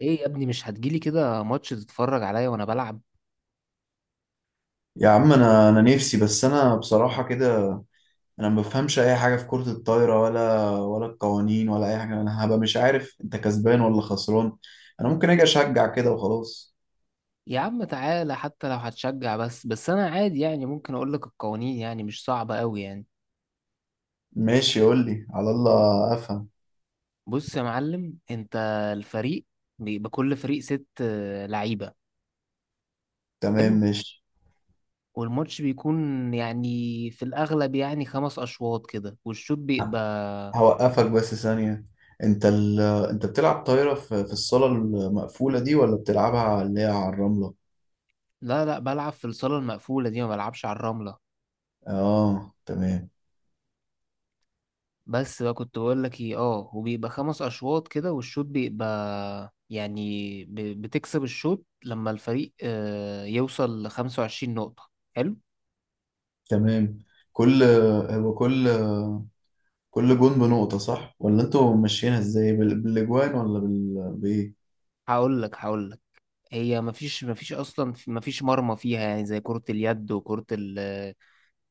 ايه يا ابني، مش هتجيلي كده ماتش تتفرج عليا وانا بلعب؟ يا عم، انا نفسي. بس انا بصراحه كده، انا ما بفهمش اي حاجه في كره الطايره، ولا القوانين ولا اي حاجه. انا هبقى مش عارف انت كسبان ولا خسران. انا ممكن اجي اشجع كده وخلاص. يا عم تعالى، حتى لو هتشجع بس انا عادي يعني، ممكن اقول لك القوانين يعني مش صعبة قوي يعني. ماشي، قول لي على الله افهم. بص يا معلم، انت الفريق بيبقى كل فريق ست لعيبة. تمام حلو. ماشي. والماتش بيكون يعني في الاغلب يعني خمس اشواط كده والشوط ه- بيبقى. هوقفك بس ثانيه. انت ال... انت بتلعب طايره في الصاله المقفوله دي، ولا بتلعبها اللي هي على الرمله؟ لا لا، بلعب في الصالة المقفولة دي، ما بلعبش على الرملة. اه تمام. بس بقى كنت بقول لك ايه، وبيبقى خمس اشواط كده والشوط بيبقى يعني، بتكسب الشوط لما الفريق يوصل لخمسة وعشرين نقطة. حلو. تمام، كل هو كل كل جون بنقطة، صح؟ ولا انتوا ماشيينها ازاي، بالاجوان بايه؟ هقول لك. هي مفيش اصلا مفيش مرمى فيها، يعني زي كرة اليد،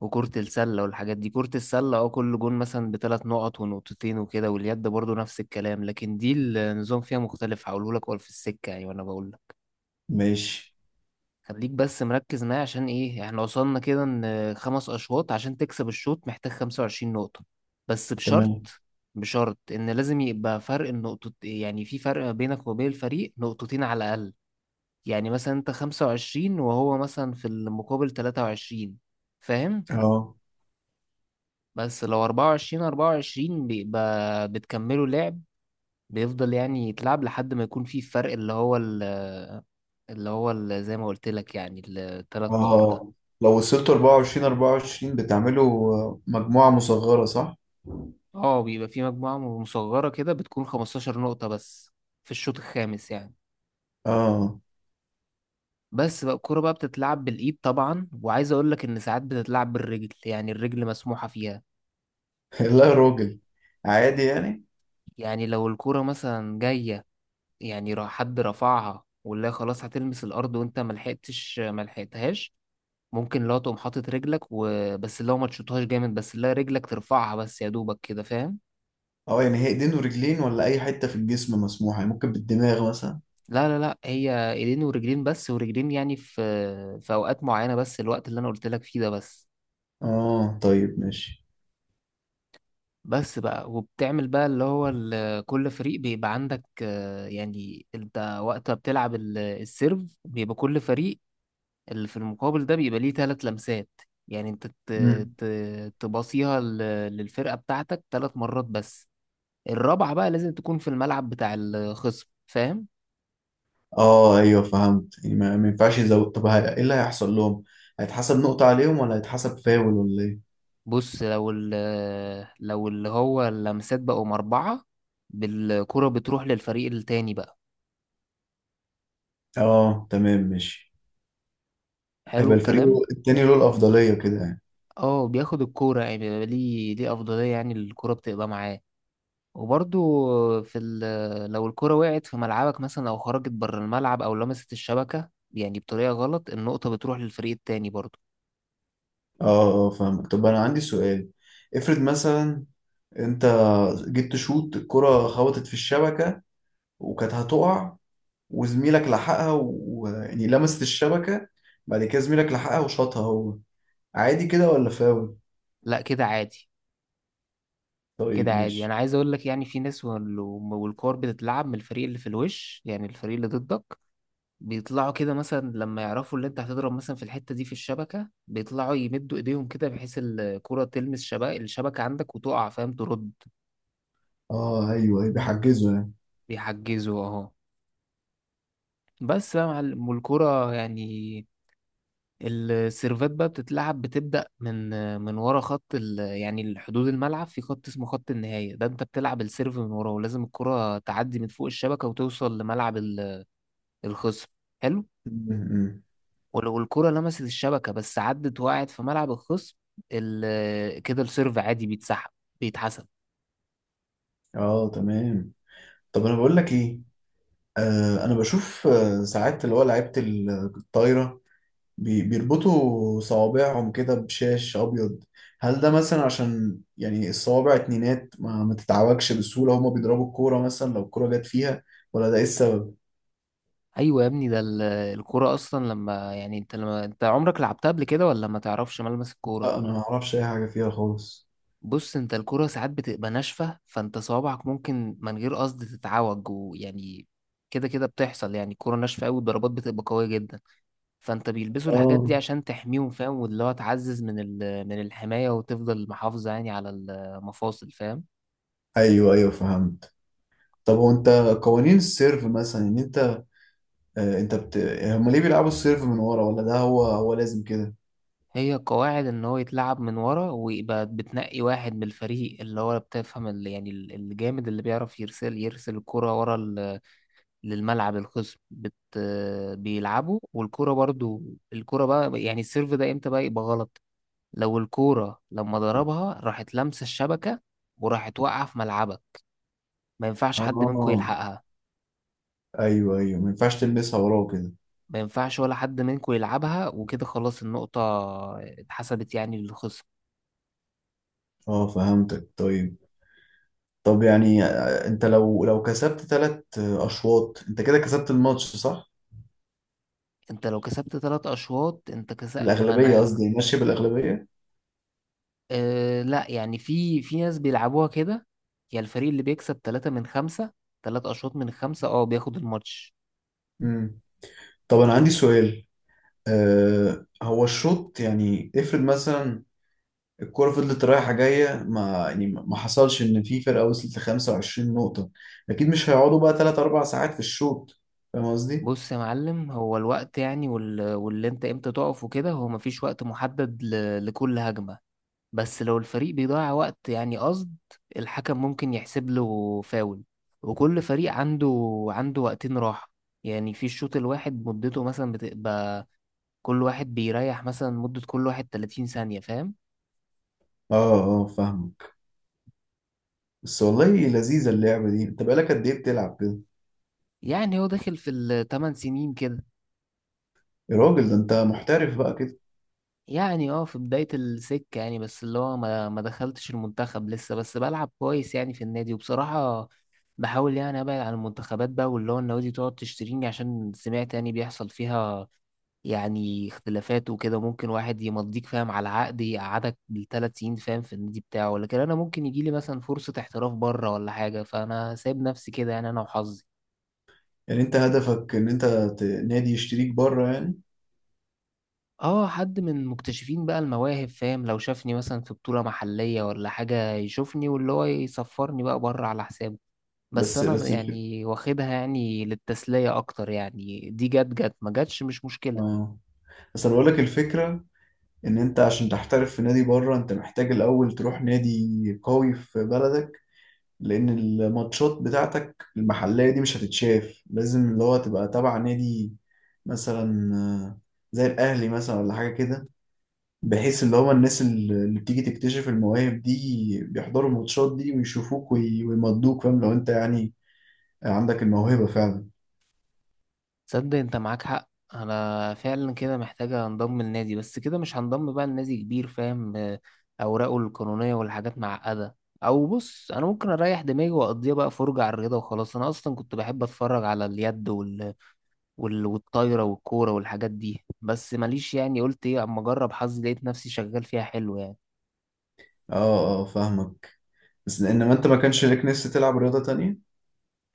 وكرة السلة والحاجات دي. كرة السلة كل جون مثلا بثلاث نقط ونقطتين وكده. واليد برضو نفس الكلام، لكن دي النظام فيها مختلف هقوله لك ولا في السكة يعني. وانا بقول ماشي خليك بس مركز معايا، عشان ايه؟ احنا وصلنا كده ان خمس اشواط، عشان تكسب الشوط محتاج 25 نقطة. بس بشرط. تمام. بشرط ان لازم يبقى فرق النقطة، يعني في فرق بينك وبين الفريق نقطتين على الاقل. يعني مثلا انت 25 وهو مثلا في المقابل 23، فاهم؟ اه بس لو 24 24 بيبقى بتكملوا لعب. بيفضل يعني يتلعب لحد ما يكون في فرق، زي ما قلت لك يعني الثلاث نقط ده. اه، لو وصلتوا 24-24 بتعملوا مجموعة مصغرة، صح؟ اه بيبقى في مجموعة مصغرة كده، بتكون 15 نقطة بس في الشوط الخامس يعني. اه. بس بقى، الكورة بقى بتتلعب بالإيد طبعا، وعايز أقول لك إن ساعات بتتلعب بالرجل، يعني الرجل مسموحة فيها. لا يا راجل، عادي يعني. يعني لو الكورة مثلا جاية، يعني حد رفعها، والله خلاص هتلمس الأرض وأنت ملحقتهاش، ممكن لو تقوم حاطط رجلك وبس، لو ما تشوطهاش جامد بس، لا رجلك ترفعها بس يا دوبك كده، فاهم؟ اه يعني هي ايدين ورجلين ولا اي حتة في الجسم مسموحة؟ يعني ممكن بالدماغ مثلا. لا لا لا، هي ايدين ورجلين بس، ورجلين يعني في اوقات معينه، بس الوقت اللي انا قلت لك فيه ده بس. اه طيب ماشي. بس بقى وبتعمل بقى، كل فريق بيبقى عندك يعني انت وقت ما بتلعب السيرف، بيبقى كل فريق اللي في المقابل ده بيبقى ليه 3 لمسات. يعني انت مم. تباصيها للفرقه بتاعتك 3 مرات بس. الرابعه بقى لازم تكون في الملعب بتاع الخصم، فاهم؟ اه ايوه فهمت. يعني ما ينفعش يزود؟ طب ايه اللي هيحصل لهم؟ هيتحسب نقطة عليهم ولا هيتحسب فاول، ولا ايه؟ بص لو ال لو اللي هو اللمسات بقوا مربعة، بالكرة بتروح للفريق التاني بقى. اه تمام ماشي. حلو هيبقى الفريق الكلام. التاني له الأفضلية كده يعني. اه بياخد الكورة يعني، بيبقى ليه أفضلية، يعني الكورة بتبقى معاه. وبرضو في ال لو الكرة وقعت في ملعبك مثلا، أو خرجت بره الملعب، أو لمست الشبكة يعني بطريقة غلط، النقطة بتروح للفريق التاني برضو. اه اه فاهمك. طب أنا عندي سؤال. افرض مثلا أنت جيت تشوط الكرة، خبطت في الشبكة، وكانت هتقع، وزميلك لحقها، ويعني لمست الشبكة، بعد كده زميلك لحقها وشاطها هو. عادي كده ولا فاول؟ لا كده عادي. كده طيب عادي، أنا ماشي. عايز أقول لك يعني في ناس، والكور بتتلعب من الفريق اللي في الوش، يعني الفريق اللي ضدك. بيطلعوا كده مثلا، لما يعرفوا اللي انت هتضرب مثلا في الحتة دي في الشبكة، بيطلعوا يمدوا ايديهم كده، بحيث الكرة تلمس الشبكة عندك وتقع، فاهم؟ ترد. اه ايوه أيوة، بيحجزوا يعني. بيحجزوا اهو. بس بقى مع الكرة يعني، السيرفات بقى بتتلعب، بتبدأ من ورا يعني الحدود الملعب، في خط اسمه خط النهاية ده، انت بتلعب السيرف من ورا، ولازم الكرة تعدي من فوق الشبكة وتوصل لملعب الخصم. حلو. م. ولو الكرة لمست الشبكة بس عدت وقعت في ملعب الخصم، كده السيرف عادي بيتحسب. اه تمام. طب انا بقول لك ايه، آه انا بشوف آه ساعات اللي هو لعيبه الطايره بيربطوا صوابعهم كده بشاش أبيض. هل ده مثلا عشان يعني الصوابع اتنينات ما تتعوجش بسهولة هما بيضربوا الكورة مثلا، لو الكورة جت فيها؟ ولا ده إيه السبب؟ ايوه يا ابني، الكرة اصلا، لما انت عمرك لعبتها قبل كده ولا ما تعرفش ملمس الكرة؟ لا أنا ما أعرفش أي حاجة فيها خالص. بص، انت الكرة ساعات بتبقى ناشفة، فانت صوابعك ممكن من غير قصد تتعوج ويعني كده كده بتحصل. يعني الكرة ناشفة قوي، والضربات بتبقى قوية جدا، فانت بيلبسوا الحاجات دي آه عشان تحميهم، فاهم؟ واللي هو تعزز من الحماية، وتفضل محافظة يعني على المفاصل، فاهم؟ أيوه أيوه فهمت. طب هو أنت قوانين السيرف مثلا إن أنت، آه أنت بت... هما ليه بيلعبوا السيرف من ورا؟ ولا ده هو لازم كده؟ هي قواعد ان هو يتلعب من ورا، ويبقى بتنقي واحد من الفريق اللي هو بتفهم، اللي يعني الجامد اللي بيعرف يرسل الكرة ورا للملعب الخصم، بيلعبوا. والكرة برضو، الكرة بقى، يعني السيرف ده امتى بقى يبقى غلط؟ لو الكرة لما ضربها راحت لمسة الشبكة، وراحت واقعة في ملعبك، ما ينفعش حد منكم آه يلحقها. أيوه أيوه، ما ينفعش تلمسها وراه كده. ما ينفعش ولا حد منكم يلعبها، وكده خلاص، النقطة اتحسبت يعني للخصم. آه فهمتك طيب. طب يعني انت لو كسبت ثلاث اشواط انت كده كسبت الماتش، صح؟ انت لو كسبت 3 اشواط انت كسبت، ما الاغلبيه، تمام، انا. قصدي ماشيه بالاغلبيه. أه لا، يعني في ناس بيلعبوها كده، يا الفريق اللي بيكسب 3 من 5، تلات أشواط من خمسة بياخد الماتش. امم طب انا عندي سؤال. آه هو الشوط يعني، افرض مثلا الكرة فضلت رايحة جاية، ما يعني ما حصلش إن في فرقة وصلت ل 25 نقطة. أكيد مش هيقعدوا بقى تلات أربع ساعات في الشوط، فاهم قصدي؟ بص يا معلم، هو الوقت يعني واللي انت امتى تقف وكده، هو مفيش وقت محدد لكل هجمة. بس لو الفريق بيضيع وقت يعني قصد، الحكم ممكن يحسب له فاول. وكل فريق عنده وقتين راحة، يعني في الشوط الواحد مدته مثلا بتبقى، كل واحد بيريح مثلا مدة، كل واحد 30 ثانية، فاهم؟ آه آه فاهمك. بس والله لذيذة اللعبة دي، أنت بقالك قد إيه بتلعب كده؟ يعني هو داخل في الثمان سنين كده. يا راجل ده أنت محترف بقى. يعني في بداية السكة يعني، بس اللي هو ما دخلتش المنتخب لسه، بس بلعب كويس يعني في النادي. وبصراحة بحاول يعني ابعد عن المنتخبات بقى، واللي هو النوادي تقعد تشتريني، عشان سمعت يعني بيحصل فيها يعني اختلافات وكده، ممكن واحد يمضيك فاهم، على عقد يقعدك بالثلاث سنين فاهم، في النادي بتاعه. لكن انا ممكن يجيلي مثلا فرصة احتراف بره ولا حاجة، فانا سايب نفسي كده يعني، انا وحظي. يعني انت هدفك ان انت نادي يشتريك بره يعني. اه حد من مكتشفين بقى المواهب فاهم، لو شافني مثلا في بطولة محلية ولا حاجة يشوفني، واللي هو يسفرني بقى بره على حسابه. بس بس انا بس الفكرة، يعني واخدها يعني للتسلية اكتر، يعني دي جت جت ما جتش مش مشكلة. اه، بس انا بقول لك الفكرة، ان انت عشان تحترف في نادي بره، انت محتاج الاول تروح نادي قوي في بلدك. لان الماتشات بتاعتك المحلية دي مش هتتشاف، لازم اللي هو تبقى تبع نادي مثلا، زي الاهلي مثلا ولا حاجة كده. بحيث اللي هو الناس اللي بتيجي تكتشف المواهب دي بيحضروا الماتشات دي ويشوفوك ويمضوك، فاهم؟ لو انت يعني عندك الموهبة فعلا. تصدق انت معاك حق، انا فعلا كده محتاجة انضم للنادي، بس كده مش هنضم بقى لنادي كبير، فاهم اوراقه القانونية والحاجات معقدة. او بص، انا ممكن اريح دماغي واقضيها بقى فرجة على الرياضة وخلاص. انا اصلا كنت بحب اتفرج على اليد، والطايرة والكورة والحاجات دي، بس ماليش يعني، قلت ايه، اما اجرب حظي لقيت نفسي شغال فيها حلو يعني. اه اه فاهمك. بس انما انت ما كانش ليك نفس تلعب رياضة تانية؟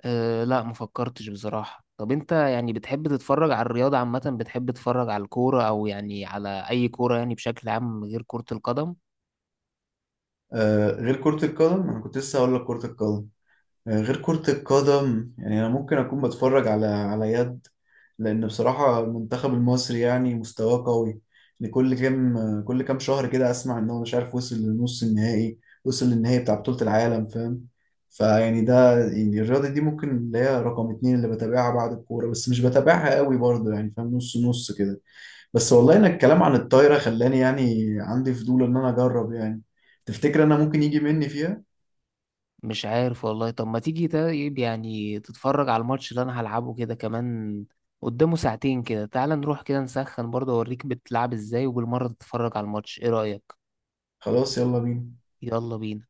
أه لا ما فكرتش بصراحة. طب انت يعني بتحب تتفرج على الرياضة عامة، بتحب تتفرج على الكورة، او يعني على اي كورة يعني بشكل عام غير كرة القدم؟ آه غير كرة القدم، انا كنت لسه هقول لك كرة القدم. آه غير كرة القدم، يعني انا ممكن اكون بتفرج على يد، لان بصراحة المنتخب المصري يعني مستواه قوي. لكل كام كل كام شهر كده اسمع ان هو مش عارف وصل للنص النهائي، وصل للنهائي بتاع بطولة العالم، فاهم؟ فيعني ده يعني الرياضة دي ممكن اللي هي رقم اتنين اللي بتابعها بعد الكورة. بس مش بتابعها قوي برضه، يعني فاهم، نص نص كده. بس والله ان الكلام عن الطايره خلاني يعني عندي فضول ان انا اجرب يعني. تفتكر انا ممكن يجي مني فيها؟ مش عارف والله. طب ما تيجي طيب، يعني تتفرج على الماتش اللي انا هلعبه كده كمان، قدامه ساعتين كده، تعال نروح كده نسخن برضه، اوريك بتلعب ازاي، وبالمرة تتفرج على الماتش، ايه رأيك؟ خلاص يلا بينا. يلا بينا.